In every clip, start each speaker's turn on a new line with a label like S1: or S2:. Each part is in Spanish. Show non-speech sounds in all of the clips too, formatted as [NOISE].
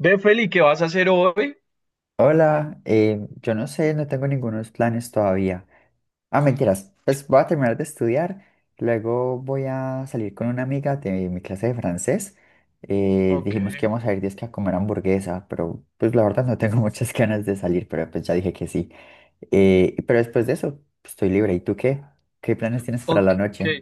S1: Ve, Feli, ¿qué vas a hacer hoy?
S2: Hola, yo no sé, no tengo ningunos planes todavía. Ah, mentiras, pues voy a terminar de estudiar, luego voy a salir con una amiga de mi clase de francés.
S1: Ok,
S2: Dijimos que íbamos a ir disque a comer hamburguesa, pero pues la verdad no tengo muchas [LAUGHS] ganas de salir, pero pues ya dije que sí. Pero después de eso, pues, estoy libre. ¿Y tú qué? ¿Qué planes tienes para
S1: ok.
S2: la noche?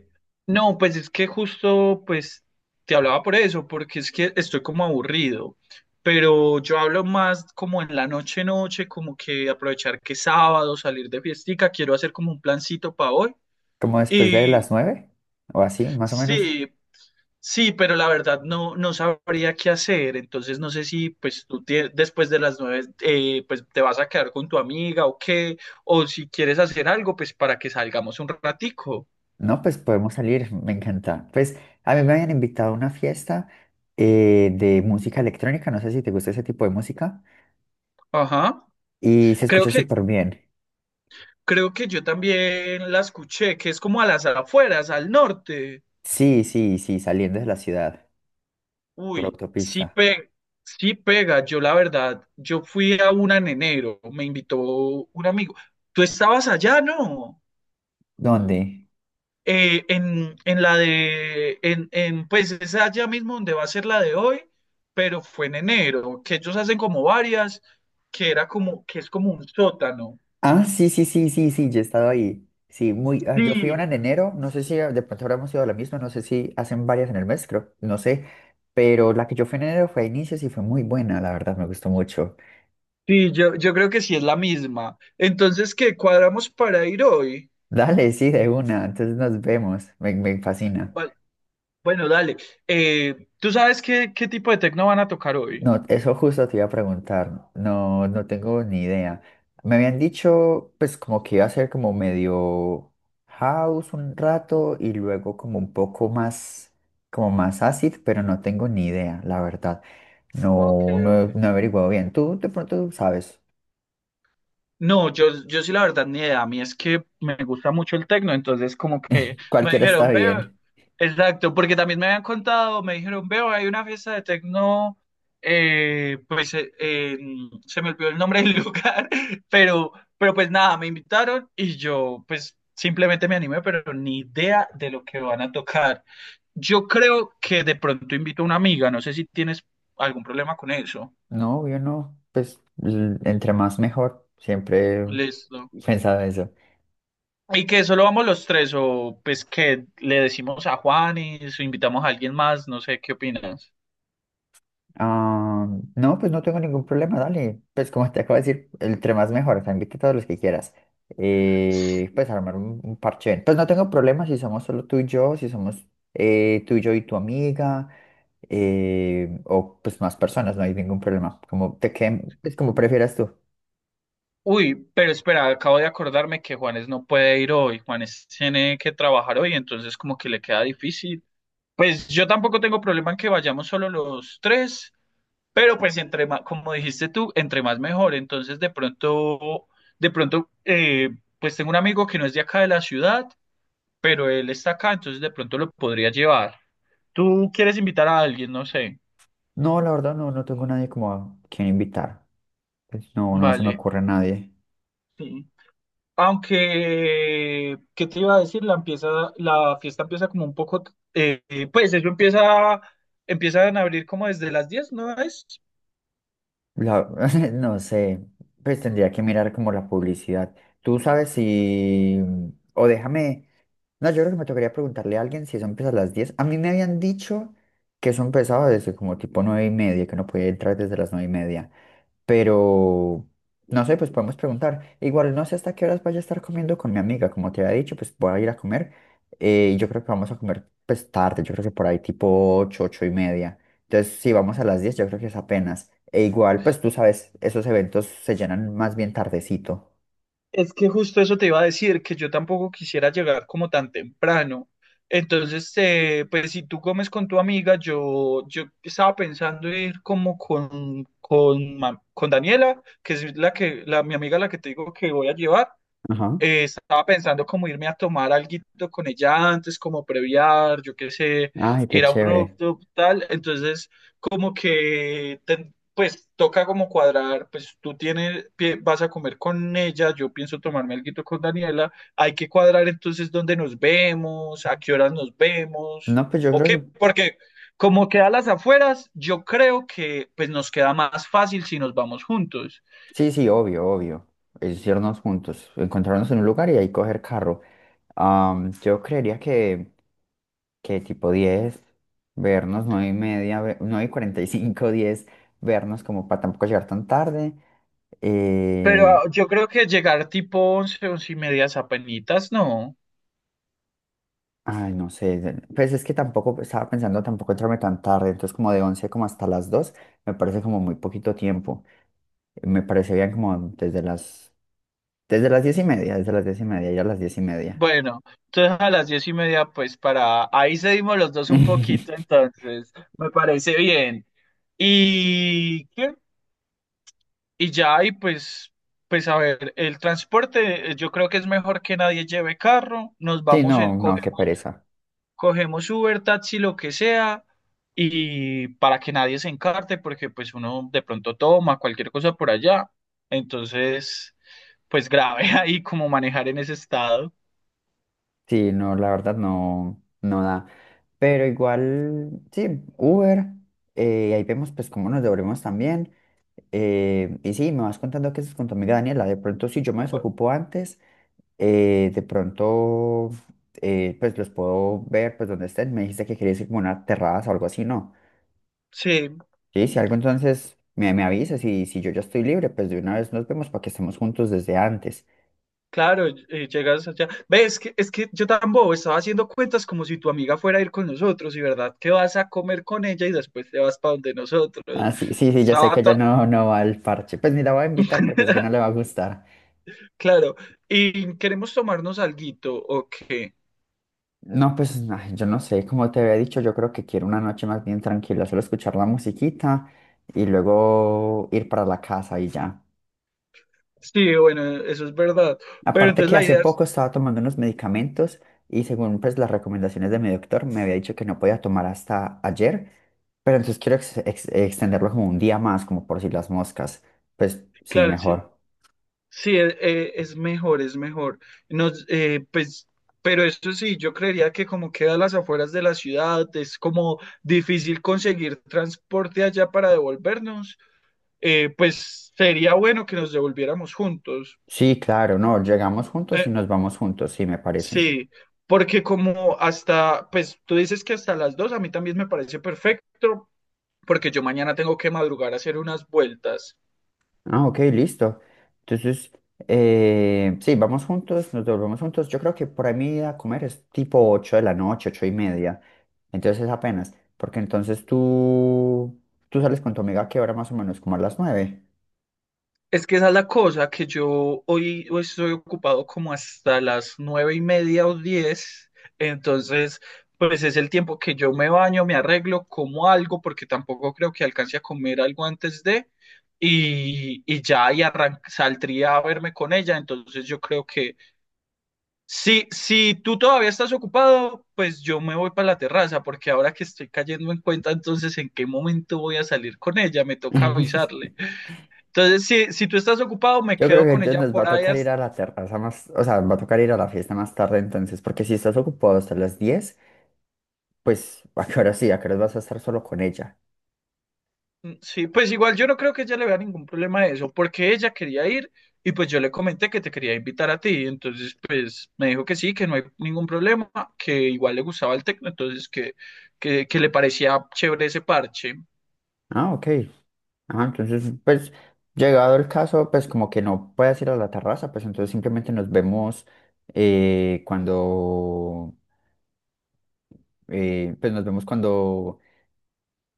S1: No, pues es que justo, pues, te hablaba por eso, porque es que estoy como aburrido, pero yo hablo más como en la noche, noche, como que aprovechar que es sábado, salir de fiestica, quiero hacer como un plancito para hoy.
S2: ¿Como después de
S1: Y
S2: las 9? ¿O así, más o menos?
S1: sí, sí, pero la verdad no, no sabría qué hacer. Entonces no sé si pues después de las nueve, pues te vas a quedar con tu amiga o qué, o si quieres hacer algo pues para que salgamos un ratico.
S2: No, pues podemos salir, me encanta. Pues a mí me habían invitado a una fiesta de música electrónica, no sé si te gusta ese tipo de música,
S1: Ajá.
S2: y se
S1: Creo
S2: escuchó
S1: que
S2: súper bien.
S1: creo que yo también la escuché, que es como a las afueras, al norte.
S2: Sí, sí, sí, saliendo de la ciudad, por
S1: Uy, sí
S2: autopista.
S1: pega, sí pega. Yo la verdad, yo fui a una en enero, me invitó un amigo. ¿Tú estabas allá, no?
S2: ¿Dónde?
S1: En la de, pues es allá mismo donde va a ser la de hoy, pero fue en enero, que ellos hacen como varias, que era como, que es como un sótano.
S2: Ah, sí, sí, sí, sí, sí, yo he estado ahí. Sí, muy, ah, yo fui a una
S1: Sí,
S2: en enero, no sé si de pronto ahora hemos ido a la misma, no sé si hacen varias en el mes, creo, no sé, pero la que yo fui en enero fue a inicios y fue muy buena, la verdad, me gustó mucho.
S1: sí, yo creo que sí es la misma. Entonces, ¿qué cuadramos para ir hoy?
S2: Dale, sí, de una, entonces nos vemos, me fascina.
S1: Va- bueno, dale. ¿Tú sabes qué, qué tipo de tecno van a tocar hoy?
S2: No, eso justo te iba a preguntar. No, no tengo ni idea. Me habían dicho, pues, como que iba a ser como medio house un rato y luego como un poco más, como más acid, pero no tengo ni idea, la verdad.
S1: Ok,
S2: No, no, he
S1: ok.
S2: no he averiguado bien. Tú de pronto sabes.
S1: No, yo sí la verdad ni idea. A mí es que me gusta mucho el tecno, entonces como que me
S2: Cualquiera está
S1: dijeron, veo,
S2: bien.
S1: exacto, porque también me habían contado, me dijeron, veo, hay una fiesta de tecno, se me olvidó el nombre del [LAUGHS] lugar, pero, pero pues nada, me invitaron y yo pues simplemente me animé, pero ni idea de lo que van a tocar. Yo creo que de pronto invito a una amiga, no sé si tienes algún problema con eso.
S2: No, yo no. Pues, entre más mejor. Siempre
S1: Listo.
S2: he pensado eso.
S1: ¿Y que solo vamos los tres? ¿O pues que le decimos a Juanes o invitamos a alguien más? No sé, ¿qué opinas?
S2: Ah, no, pues no tengo ningún problema, dale. Pues como te acabo de decir, entre más mejor, o sea, invita a todos los que quieras. Pues armar un parche. Pues no tengo problema si somos solo tú y yo, si somos tú y yo y tu amiga, o pues más personas, no hay ningún problema. Como te queden, es como prefieras tú.
S1: Uy, pero espera, acabo de acordarme que Juanes no puede ir hoy. Juanes tiene que trabajar hoy, entonces como que le queda difícil. Pues yo tampoco tengo problema en que vayamos solo los tres, pero pues entre más, como dijiste tú, entre más mejor. Entonces de pronto, de pronto, eh, pues tengo un amigo que no es de acá de la ciudad, pero él está acá, entonces de pronto lo podría llevar. Tú quieres invitar a alguien, no sé.
S2: No, la verdad no, no tengo nadie como a quien invitar. Pues no, no se me
S1: Vale.
S2: ocurre a nadie.
S1: Sí. Aunque, ¿qué te iba a decir? La fiesta empieza como un poco, pues empiezan a abrir como desde las 10, ¿no es?
S2: La- [LAUGHS] no sé, pues tendría que mirar como la publicidad. Tú sabes si, o déjame. No, yo creo que me tocaría preguntarle a alguien si eso empieza a las 10. A mí me habían dicho que eso empezaba desde como tipo 9:30, que no podía entrar desde las 9:30. Pero no sé, pues podemos preguntar. Igual no sé hasta qué horas vaya a estar comiendo con mi amiga. Como te había dicho, pues voy a ir a comer. Y yo creo que vamos a comer pues tarde. Yo creo que por ahí tipo 8 8:30. Entonces, si vamos a las 10 yo creo que es apenas. E igual, pues tú sabes, esos eventos se llenan más bien tardecito.
S1: Es que justo eso te iba a decir, que yo tampoco quisiera llegar como tan temprano. Entonces, pues si tú comes con tu amiga, yo estaba pensando ir como con, con Daniela, que es la que, la, mi amiga la que te digo que voy a llevar.
S2: Ajá.
S1: Estaba pensando como irme a tomar alguito con ella antes, como previar, yo qué sé,
S2: Ay, qué
S1: ir a un
S2: chévere.
S1: rooftop, tal. Entonces, como que, pues, toca como cuadrar, pues, tú tienes, vas a comer con ella, yo pienso tomarme alguito con Daniela. Hay que cuadrar entonces dónde nos vemos, a qué horas nos vemos,
S2: No, pues yo
S1: o
S2: creo
S1: qué,
S2: que
S1: porque como queda a las afueras, yo creo que, pues, nos queda más fácil si nos vamos juntos.
S2: sí, sí, obvio, obvio. Es irnos juntos, encontrarnos en un lugar y ahí coger carro. Yo creería que tipo 10, vernos 9:30, 9 y cuarenta y cinco, 10, vernos como para tampoco llegar tan tarde.
S1: Pero
S2: Eh,
S1: ah, yo creo que llegar tipo once, 11 y media apenitas, no.
S2: Ay, no sé, pues es que tampoco estaba pensando tampoco entrarme tan tarde, entonces como de 11 como hasta las 2 me parece como muy poquito tiempo. Me parece bien como desde las 10:30, desde las 10:30, ya a las 10:30.
S1: Bueno, entonces a las 10 y media, pues para... Ahí seguimos los dos un poquito,
S2: [LAUGHS]
S1: entonces me parece bien. Y, ¿qué? Y ya, y pues, pues a ver, el transporte, yo creo que es mejor que nadie lleve carro, nos
S2: Sí,
S1: vamos en,
S2: no, no, qué
S1: cogemos,
S2: pereza.
S1: cogemos Uber, taxi, lo que sea, y para que nadie se encarte, porque pues uno de pronto toma cualquier cosa por allá. Entonces... pues grave [LAUGHS] ahí como manejar en ese estado.
S2: Sí, no, la verdad no, no da. Pero igual, sí, Uber, ahí vemos pues cómo nos devolvemos también. Y sí, me vas contando que es con tu amiga Daniela. De pronto, si yo me
S1: Bu-
S2: desocupo antes, de pronto, pues los puedo ver, pues donde estén. Me dijiste que querías ir como a una terraza o algo así, ¿no?
S1: Sí,
S2: Sí, si algo entonces me avisas y si yo ya estoy libre, pues de una vez nos vemos para que estemos juntos desde antes.
S1: claro, llegas allá. Ve, es que yo tan bobo estaba haciendo cuentas como si tu amiga fuera a ir con nosotros y verdad que vas a comer con ella y después te vas para donde nosotros.
S2: Ah, sí, sí, sí, ya sé
S1: Estaba
S2: que
S1: to-
S2: ella no, no va al parche. Pues ni la voy a invitar porque sé que no le va a
S1: [LAUGHS]
S2: gustar.
S1: Claro, y queremos tomarnos alguito, ok.
S2: No, pues ay, yo no sé, como te había dicho, yo creo que quiero una noche más bien tranquila, solo escuchar la musiquita y luego ir para la casa y ya.
S1: Sí, bueno, eso es verdad. Pero
S2: Aparte
S1: entonces
S2: que
S1: la
S2: hace
S1: idea es,
S2: poco estaba tomando unos medicamentos y según pues las recomendaciones de mi doctor me había dicho que no podía tomar hasta ayer, pero entonces quiero extenderlo como un día más, como por si las moscas. Pues sí,
S1: claro, sí,
S2: mejor.
S1: sí, es, mejor, es mejor. Nos, pues, pero esto sí, yo creería que como queda a las afueras de la ciudad, es como difícil conseguir transporte allá para devolvernos. Pues sería bueno que nos devolviéramos juntos.
S2: Sí, claro, no, llegamos juntos
S1: Eh,
S2: y nos vamos juntos, sí, me parece.
S1: sí, porque como hasta, pues tú dices que hasta las dos, a mí también me parece perfecto, porque yo mañana tengo que madrugar a hacer unas vueltas.
S2: Ah, ok, listo. Entonces, sí, vamos juntos, nos devolvemos juntos. Yo creo que por ahí mi ida a comer es tipo 8 de la noche, 8:30. Entonces apenas, porque entonces tú sales con tu amiga, ¿que hora más o menos, como a las 9?
S1: Es que esa es la cosa, que yo hoy, hoy estoy ocupado como hasta las nueve y media o diez, entonces pues es el tiempo que yo me baño, me arreglo, como algo, porque tampoco creo que alcance a comer algo antes de, y ya y saldría a verme con ella, entonces yo creo que si, si tú todavía estás ocupado, pues yo me voy para la terraza, porque ahora que estoy cayendo en cuenta, entonces en qué momento voy a salir con ella, me toca
S2: [LAUGHS]
S1: avisarle. Entonces, si, si tú estás ocupado, me
S2: Yo creo
S1: quedo
S2: que
S1: con
S2: entonces
S1: ella
S2: nos va
S1: por
S2: a
S1: ahí.
S2: tocar ir a la terraza más, o sea, va a tocar ir a la fiesta más tarde entonces, porque si estás ocupado hasta las 10, pues [LAUGHS] a qué hora sí, a qué hora vas a estar solo con ella.
S1: Sí, pues igual yo no creo que ella le vea ningún problema de eso, porque ella quería ir y pues yo le comenté que te quería invitar a ti. Entonces, pues me dijo que sí, que no hay ningún problema, que igual le gustaba el tecno, entonces que le parecía chévere ese parche.
S2: Ah, ok. Ah, entonces, pues, llegado el caso, pues como que no puedas ir a la terraza, pues entonces simplemente nos vemos cuando, pues nos vemos cuando,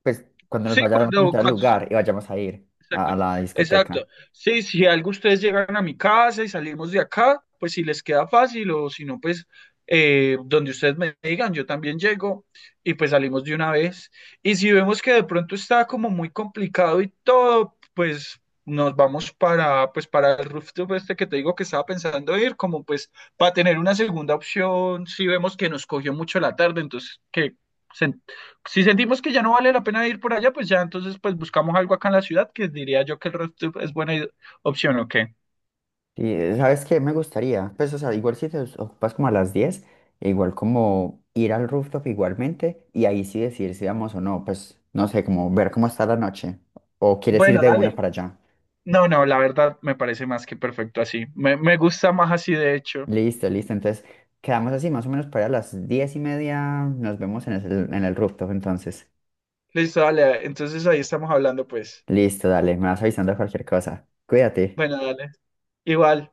S2: pues cuando nos
S1: Sí,
S2: vayamos a
S1: cuando,
S2: encontrar el
S1: cuando
S2: lugar y vayamos a ir a,
S1: exacto,
S2: a la discoteca.
S1: exacto. Sí, si algo ustedes llegan a mi casa y salimos de acá, pues si les queda fácil o si no, pues donde ustedes me digan, yo también llego y pues salimos de una vez. Y si vemos que de pronto está como muy complicado y todo, pues nos vamos para, pues para el rooftop este que te digo que estaba pensando ir, como pues para tener una segunda opción, si vemos que nos cogió mucho la tarde, entonces que se- si sentimos que ya no vale la pena ir por allá, pues ya entonces pues buscamos algo acá en la ciudad que diría yo que el redtube es buena opción o qué.
S2: Y ¿sabes qué? Me gustaría, pues, o sea, igual si te ocupas como a las 10, e igual como ir al rooftop igualmente y ahí sí decidir si vamos o no, pues, no sé, como ver cómo está la noche o quieres ir
S1: Bueno,
S2: de una
S1: dale.
S2: para allá.
S1: No, no, la verdad me parece más que perfecto así. Me gusta más así de hecho.
S2: Listo, listo. Entonces, quedamos así, más o menos para las 10:30. Nos vemos en el, rooftop, entonces.
S1: Listo, dale. Entonces ahí estamos hablando, pues.
S2: Listo, dale, me vas avisando cualquier cosa. Cuídate.
S1: Bueno, dale. Igual.